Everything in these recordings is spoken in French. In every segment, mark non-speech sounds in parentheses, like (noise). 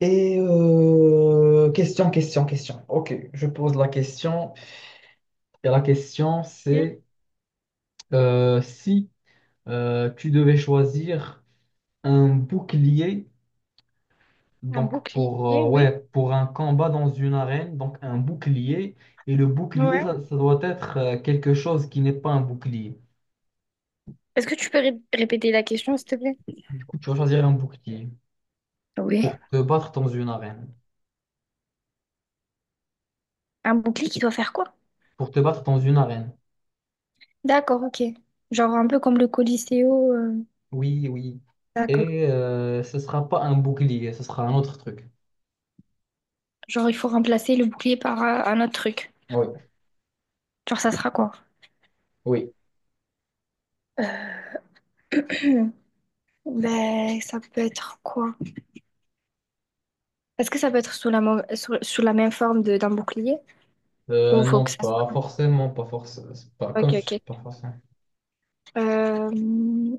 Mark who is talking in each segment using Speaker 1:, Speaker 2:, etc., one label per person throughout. Speaker 1: Et question. Ok, je pose la question. Et la question,
Speaker 2: Un
Speaker 1: c'est si tu devais choisir un bouclier, donc
Speaker 2: bouclier,
Speaker 1: pour,
Speaker 2: oui.
Speaker 1: ouais, pour un combat dans une arène, donc un bouclier, et le bouclier, ça,
Speaker 2: Ouais.
Speaker 1: ça doit être quelque chose qui n'est pas un bouclier.
Speaker 2: Est-ce que tu peux répéter la question, s'il te plaît?
Speaker 1: Du coup, tu vas choisir un bouclier
Speaker 2: Oui.
Speaker 1: pour te battre dans une arène.
Speaker 2: Un bouclier qui doit faire quoi?
Speaker 1: Pour te battre dans une arène.
Speaker 2: D'accord, ok. Genre un peu comme le Coliseo.
Speaker 1: Oui, oui.
Speaker 2: D'accord.
Speaker 1: Et ce sera pas un bouclier, ce sera un autre truc.
Speaker 2: Genre il faut remplacer le bouclier par un autre truc.
Speaker 1: Oui.
Speaker 2: Genre ça sera quoi?
Speaker 1: Oui.
Speaker 2: (clears throat) Ben ça peut être quoi? Est-ce que ça peut être sous sous la même forme d'un bouclier? Ou faut que
Speaker 1: Non,
Speaker 2: ça
Speaker 1: pas
Speaker 2: soit...
Speaker 1: forcément, pas forcément, pas comme
Speaker 2: Ok,
Speaker 1: je-
Speaker 2: ok.
Speaker 1: pas forcément.
Speaker 2: Euh, hmm,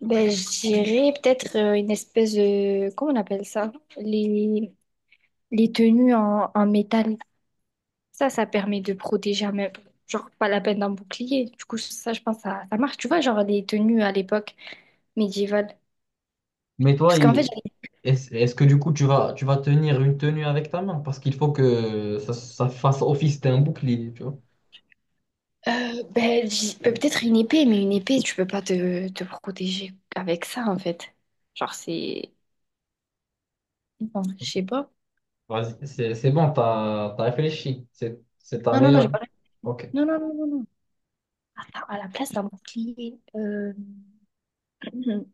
Speaker 2: Ben je dirais peut-être une espèce de... Comment on appelle ça? Les tenues en métal. Ça permet de protéger, même, genre pas la peine d'un bouclier. Du coup, ça, je pense, ça marche. Tu vois, genre les tenues à l'époque médiévale.
Speaker 1: Mais toi,
Speaker 2: Parce qu'en fait, j'avais-
Speaker 1: est-ce que du coup tu vas tenir une tenue avec ta main? Parce qu'il faut que ça fasse office d'un bouclier, tu vois.
Speaker 2: peut-être une épée, mais une épée, tu peux pas te protéger avec ça, en fait. Genre, c'est... Non, je sais pas.
Speaker 1: Vas-y, c'est bon, t'as réfléchi. C'est ta
Speaker 2: Non, non, non, j'ai
Speaker 1: meilleure.
Speaker 2: pas...
Speaker 1: Ok.
Speaker 2: Non, non, non, non, non. Attends, à la place d'un bouclier, (clears throat)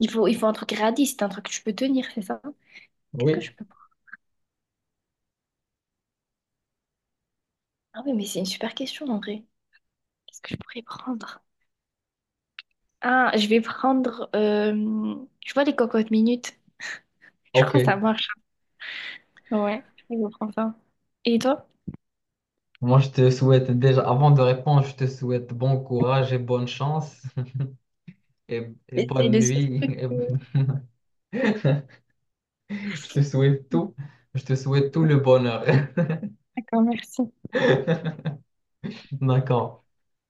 Speaker 2: il faut un truc réaliste, un truc que tu peux tenir, c'est ça? Qu'est-ce que
Speaker 1: Oui,
Speaker 2: je peux prendre? Ah oui, mais c'est une super question, en vrai. Qu'est-ce que je pourrais prendre? Ah, je vais prendre. Je vois les cocottes minutes. Je
Speaker 1: ok.
Speaker 2: crois que ça marche. Ouais, je crois que je prends ça. Et toi?
Speaker 1: Moi, je te souhaite déjà, avant de répondre, je te souhaite bon courage et bonne chance (laughs) et
Speaker 2: C'est
Speaker 1: bonne
Speaker 2: le seul
Speaker 1: nuit. (laughs)
Speaker 2: truc
Speaker 1: et-
Speaker 2: que.
Speaker 1: (laughs) Je te souhaite tout. Je te souhaite tout le bonheur.
Speaker 2: D'accord, merci.
Speaker 1: (laughs) D'accord.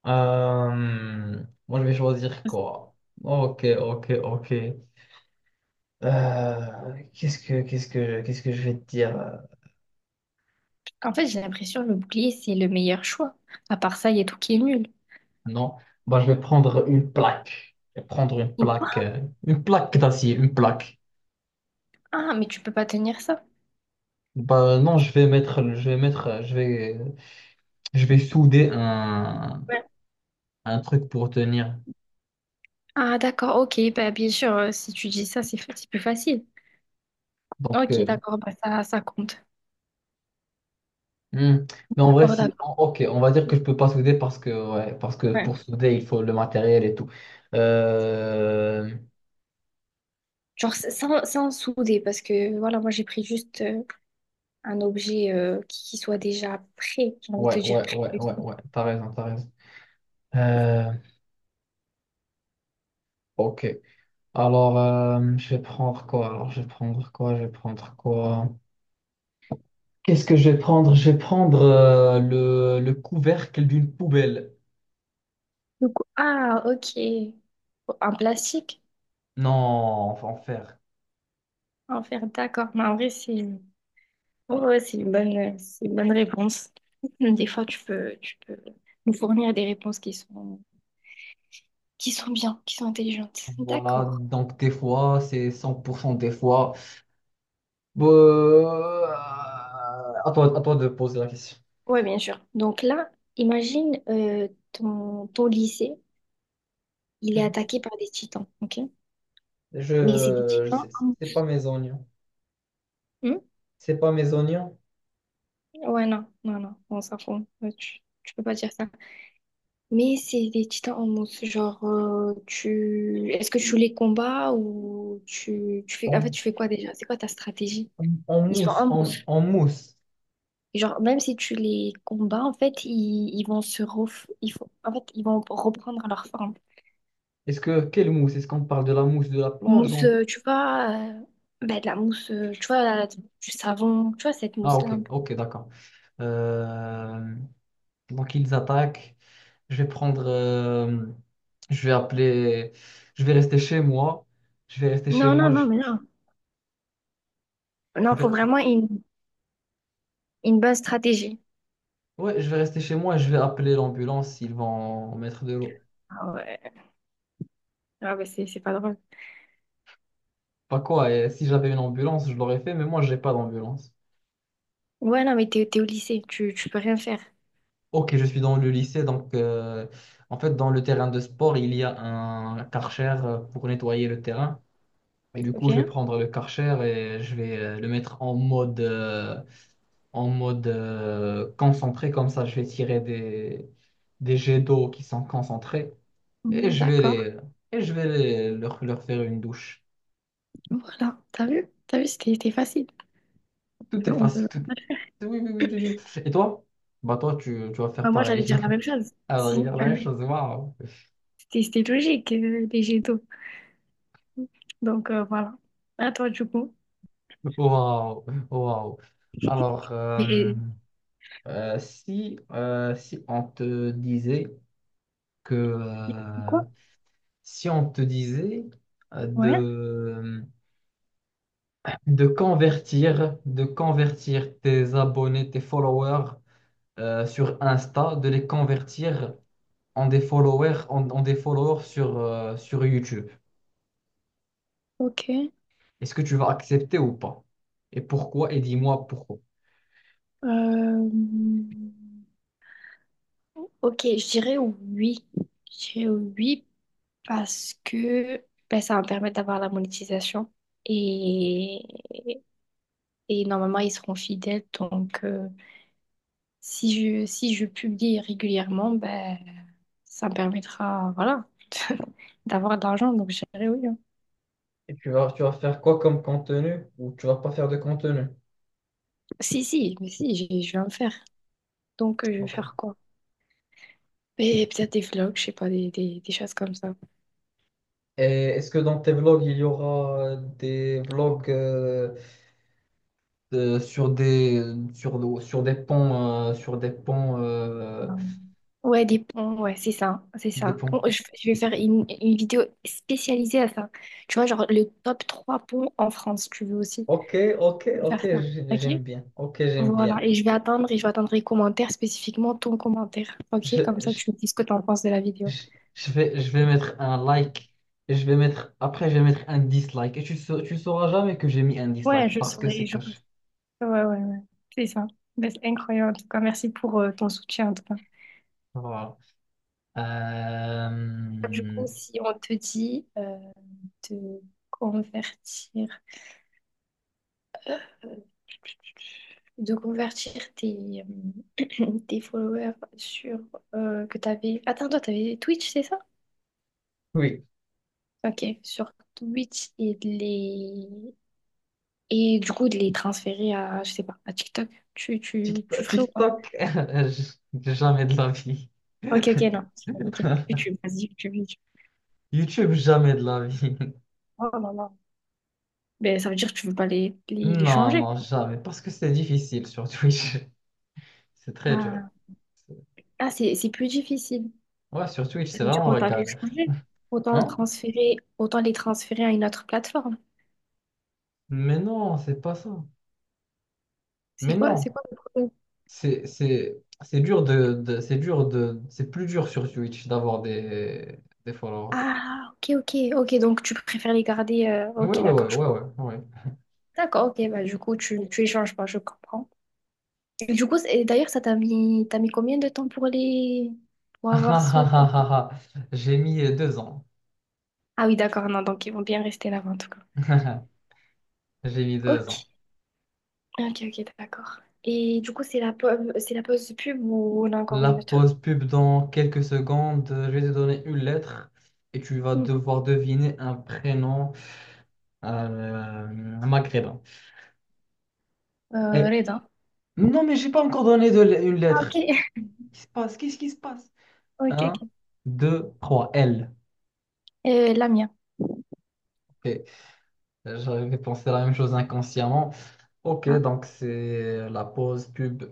Speaker 1: Moi, je vais choisir
Speaker 2: Parce que...
Speaker 1: quoi? Ok, ok, ok. Qu'est-ce que je vais te dire?
Speaker 2: En fait, j'ai l'impression que le bouclier, c'est le meilleur choix. À part ça, il y a tout qui est nul.
Speaker 1: Non. Bah, je vais prendre une plaque. Je vais prendre
Speaker 2: Et quoi?
Speaker 1: une plaque d'acier, une plaque.
Speaker 2: Ah, mais tu peux pas tenir ça.
Speaker 1: Bah, non, je vais mettre, je vais souder
Speaker 2: Ouais.
Speaker 1: un truc pour tenir.
Speaker 2: Ah, d'accord, ok. Bah, bien sûr, si tu dis ça, c'est plus facile.
Speaker 1: Donc,
Speaker 2: Ok, d'accord, bah, ça compte.
Speaker 1: Hmm. Mais en vrai,
Speaker 2: D'accord,
Speaker 1: si,
Speaker 2: d'accord.
Speaker 1: ok, on va dire que je peux pas souder parce que, ouais, parce que
Speaker 2: Ouais.
Speaker 1: pour souder, il faut le matériel et tout. Euh,
Speaker 2: Genre, sans souder, parce que voilà, moi, j'ai pris juste. Un objet qui soit déjà prêt, j'ai envie de te
Speaker 1: ouais,
Speaker 2: dire
Speaker 1: ouais, ouais,
Speaker 2: prévu.
Speaker 1: ouais, ouais, t'as raison. Euh, ok, alors je vais prendre quoi? Alors je vais prendre quoi? Je vais prendre quoi? Qu'est-ce que je vais prendre? Je vais prendre le couvercle d'une poubelle.
Speaker 2: Donc, ah, ok. Un plastique?
Speaker 1: Non, on va en faire.
Speaker 2: En faire, d'accord. Mais en vrai, ouais, c'est une bonne réponse. Des fois, tu peux nous fournir des réponses qui sont bien, qui sont intelligentes.
Speaker 1: Voilà,
Speaker 2: D'accord.
Speaker 1: donc des fois, c'est 100% des fois. Bon, à toi de poser la question.
Speaker 2: Oui, bien sûr. Donc là, imagine ton lycée, il est
Speaker 1: Mhm.
Speaker 2: attaqué par des titans, ok? Mais c'est des
Speaker 1: Je
Speaker 2: titans.
Speaker 1: sais, c'est pas mes oignons.
Speaker 2: Hmm.
Speaker 1: C'est pas mes oignons.
Speaker 2: Ouais, non, non, non, on s'en fout. Ouais, tu peux pas dire ça. Mais c'est des titans en mousse, genre tu est-ce que tu joues les combats tu fais en fait
Speaker 1: En,
Speaker 2: tu fais quoi déjà? C'est quoi ta stratégie?
Speaker 1: en
Speaker 2: Ils sont
Speaker 1: mousse,
Speaker 2: en mousse.
Speaker 1: en mousse.
Speaker 2: Et genre même si tu les combats en fait ils vont se ref... en fait ils vont reprendre leur forme.
Speaker 1: Est-ce que quelle mousse? Est-ce qu'on parle de la mousse de la plage
Speaker 2: Mousse
Speaker 1: ou-
Speaker 2: ben, de la mousse tu vois du savon tu vois cette
Speaker 1: Ah
Speaker 2: mousse là
Speaker 1: ok,
Speaker 2: un peu.
Speaker 1: ok, d'accord. Euh, donc ils attaquent. Je vais prendre. Je vais appeler. Je vais rester chez moi. Je vais rester chez
Speaker 2: Non non
Speaker 1: moi.
Speaker 2: non mais non
Speaker 1: Je
Speaker 2: non, faut
Speaker 1: vais,
Speaker 2: vraiment une bonne stratégie.
Speaker 1: ouais, je vais rester chez moi. Et je vais appeler l'ambulance. Ils vont mettre de l'eau.
Speaker 2: Ah ouais ah ben c'est pas drôle.
Speaker 1: Pas quoi. Et si j'avais une ambulance, je l'aurais fait. Mais moi, j'ai pas d'ambulance.
Speaker 2: Ouais non mais t'es au lycée tu peux rien faire.
Speaker 1: Ok, je suis dans le lycée, donc en fait dans le terrain de sport, il y a un Karcher pour nettoyer le terrain. Et du
Speaker 2: Ok?
Speaker 1: coup, je vais prendre le Karcher et je vais le mettre en mode, concentré, comme ça je vais tirer des jets d'eau qui sont concentrés et
Speaker 2: Mm,
Speaker 1: je vais
Speaker 2: d'accord.
Speaker 1: les, et je vais les- leur faire une douche.
Speaker 2: Voilà. T'as vu? T'as vu, c'était facile.
Speaker 1: Tout est
Speaker 2: On peut...
Speaker 1: facile, tout... Oui, oui, oui. Oui, oui. Et toi? Bah toi, tu vas faire
Speaker 2: Enfin, moi, j'allais
Speaker 1: pareil.
Speaker 2: dire la même chose.
Speaker 1: (laughs) Alors,
Speaker 2: Si,
Speaker 1: il y a la
Speaker 2: bah
Speaker 1: même
Speaker 2: oui.
Speaker 1: chose, waouh.
Speaker 2: C'était logique, les jets d'eau. Donc, voilà. À toi, du coup.
Speaker 1: Waouh, waouh. Alors,
Speaker 2: Et...
Speaker 1: si on te disait que
Speaker 2: Quoi?
Speaker 1: si on te disait euh,
Speaker 2: Ouais.
Speaker 1: de, de convertir tes abonnés, tes followers sur Insta, de les convertir en des followers, en des followers sur YouTube,
Speaker 2: Ok.
Speaker 1: est-ce que tu vas accepter ou pas? Et pourquoi? Et dis-moi pourquoi.
Speaker 2: Euh, Ok, je dirais oui. Je dirais oui parce que ben, ça va me permettre d'avoir la monétisation. Et... et normalement, ils seront fidèles. Si je publie régulièrement, ben, ça me permettra, voilà, (laughs) d'avoir de l'argent. Donc, je dirais oui. Hein.
Speaker 1: Et tu vas faire quoi comme contenu ou tu vas pas faire de contenu?
Speaker 2: Si, si, mais si, Je vais en faire. Donc, je vais
Speaker 1: Ok.
Speaker 2: faire quoi? Et peut-être des vlogs, je sais pas, des choses comme ça.
Speaker 1: Et est-ce que dans tes vlogs, il y aura des vlogs de- sur des sur des ponts
Speaker 2: Voilà. Ouais, des ponts, ouais, c'est ça, c'est
Speaker 1: des
Speaker 2: ça. Bon,
Speaker 1: ponts.
Speaker 2: je vais faire une vidéo spécialisée à ça. Tu vois, genre le top 3 ponts en France, tu veux aussi
Speaker 1: Ok, ok, ok,
Speaker 2: faire ça,
Speaker 1: j'aime
Speaker 2: ok?
Speaker 1: bien. Ok, j'aime
Speaker 2: Voilà,
Speaker 1: bien.
Speaker 2: et je vais attendre, et je vais attendre les commentaires, spécifiquement ton commentaire, ok?
Speaker 1: Je,
Speaker 2: Comme ça,
Speaker 1: je,
Speaker 2: tu me dis ce que tu en penses de la vidéo.
Speaker 1: je, je vais mettre un like et je vais mettre après je vais mettre un dislike et tu sauras jamais que j'ai mis un
Speaker 2: Ouais,
Speaker 1: dislike
Speaker 2: je
Speaker 1: parce que
Speaker 2: saurais.
Speaker 1: c'est
Speaker 2: Je...
Speaker 1: caché.
Speaker 2: Ouais, ouais, ouais. C'est ça. Ben, c'est incroyable. En tout cas, merci pour ton soutien, en tout cas.
Speaker 1: Voilà.
Speaker 2: Du
Speaker 1: Euh,
Speaker 2: coup, si on te dit de convertir, euh, de convertir tes, (clears throat) tes followers sur que t'avais. Attends, toi, t'avais Twitch, c'est ça?
Speaker 1: Oui.
Speaker 2: Ok, sur Twitch et du coup de les transférer à, je sais pas, à TikTok. Tu
Speaker 1: TikTok,
Speaker 2: ferais ou pas?
Speaker 1: TikTok, (laughs) jamais de la vie.
Speaker 2: Ok, ok,
Speaker 1: (laughs)
Speaker 2: non. Ok, YouTube, vas-y, YouTube, YouTube.
Speaker 1: YouTube, jamais de la vie.
Speaker 2: Oh là là. Ben, ça veut dire que tu veux pas les
Speaker 1: Non,
Speaker 2: changer,
Speaker 1: non,
Speaker 2: quoi.
Speaker 1: jamais. Parce que c'est difficile sur Twitch. (laughs) C'est très dur.
Speaker 2: Ah.
Speaker 1: C'est-
Speaker 2: Ah, c'est plus difficile.
Speaker 1: Ouais, sur Twitch,
Speaker 2: Ça
Speaker 1: c'est
Speaker 2: veut dire
Speaker 1: vraiment la
Speaker 2: autant les
Speaker 1: galère.
Speaker 2: changer, autant
Speaker 1: Hein?
Speaker 2: transférer, autant les transférer à une autre plateforme.
Speaker 1: Mais non, c'est pas ça. Mais non,
Speaker 2: C'est quoi le problème?
Speaker 1: c'est c'est dur de c'est plus dur sur Twitch d'avoir des followers.
Speaker 2: Ah, ok, ok, ok, donc tu préfères les garder.
Speaker 1: Oui,
Speaker 2: Ok,
Speaker 1: oui, oui,
Speaker 2: d'accord, je
Speaker 1: oui,
Speaker 2: comprends.
Speaker 1: oui, oui.
Speaker 2: D'accord, ok, bah, du coup, tu les changes pas, je comprends. Et du coup, c'est... d'ailleurs, t'as mis combien de temps pour les, pour avoir ce...
Speaker 1: (laughs) J'ai mis 2 ans.
Speaker 2: Ah oui, d'accord, non, donc ils vont bien rester là-bas, en tout cas.
Speaker 1: (laughs) J'ai mis deux
Speaker 2: Ok,
Speaker 1: ans.
Speaker 2: ok, ok, d'accord. Et du coup, c'est la, c'est la pause pub ou on a encore
Speaker 1: La
Speaker 2: une autre?
Speaker 1: pause pub dans quelques secondes. Je vais te donner une lettre et tu vas
Speaker 2: Mm.
Speaker 1: devoir deviner un prénom maghrébin. Et...
Speaker 2: Reda.
Speaker 1: Non, mais j'ai pas encore une
Speaker 2: Ah,
Speaker 1: lettre.
Speaker 2: ok, (laughs)
Speaker 1: Qu'est-ce qui se passe? Qu'est-ce qui se passe?
Speaker 2: ok,
Speaker 1: Un,
Speaker 2: ok.
Speaker 1: deux, trois. L.
Speaker 2: La mienne.
Speaker 1: Ok. J'avais pensé la même chose inconsciemment. Ok, donc c'est la pause pub.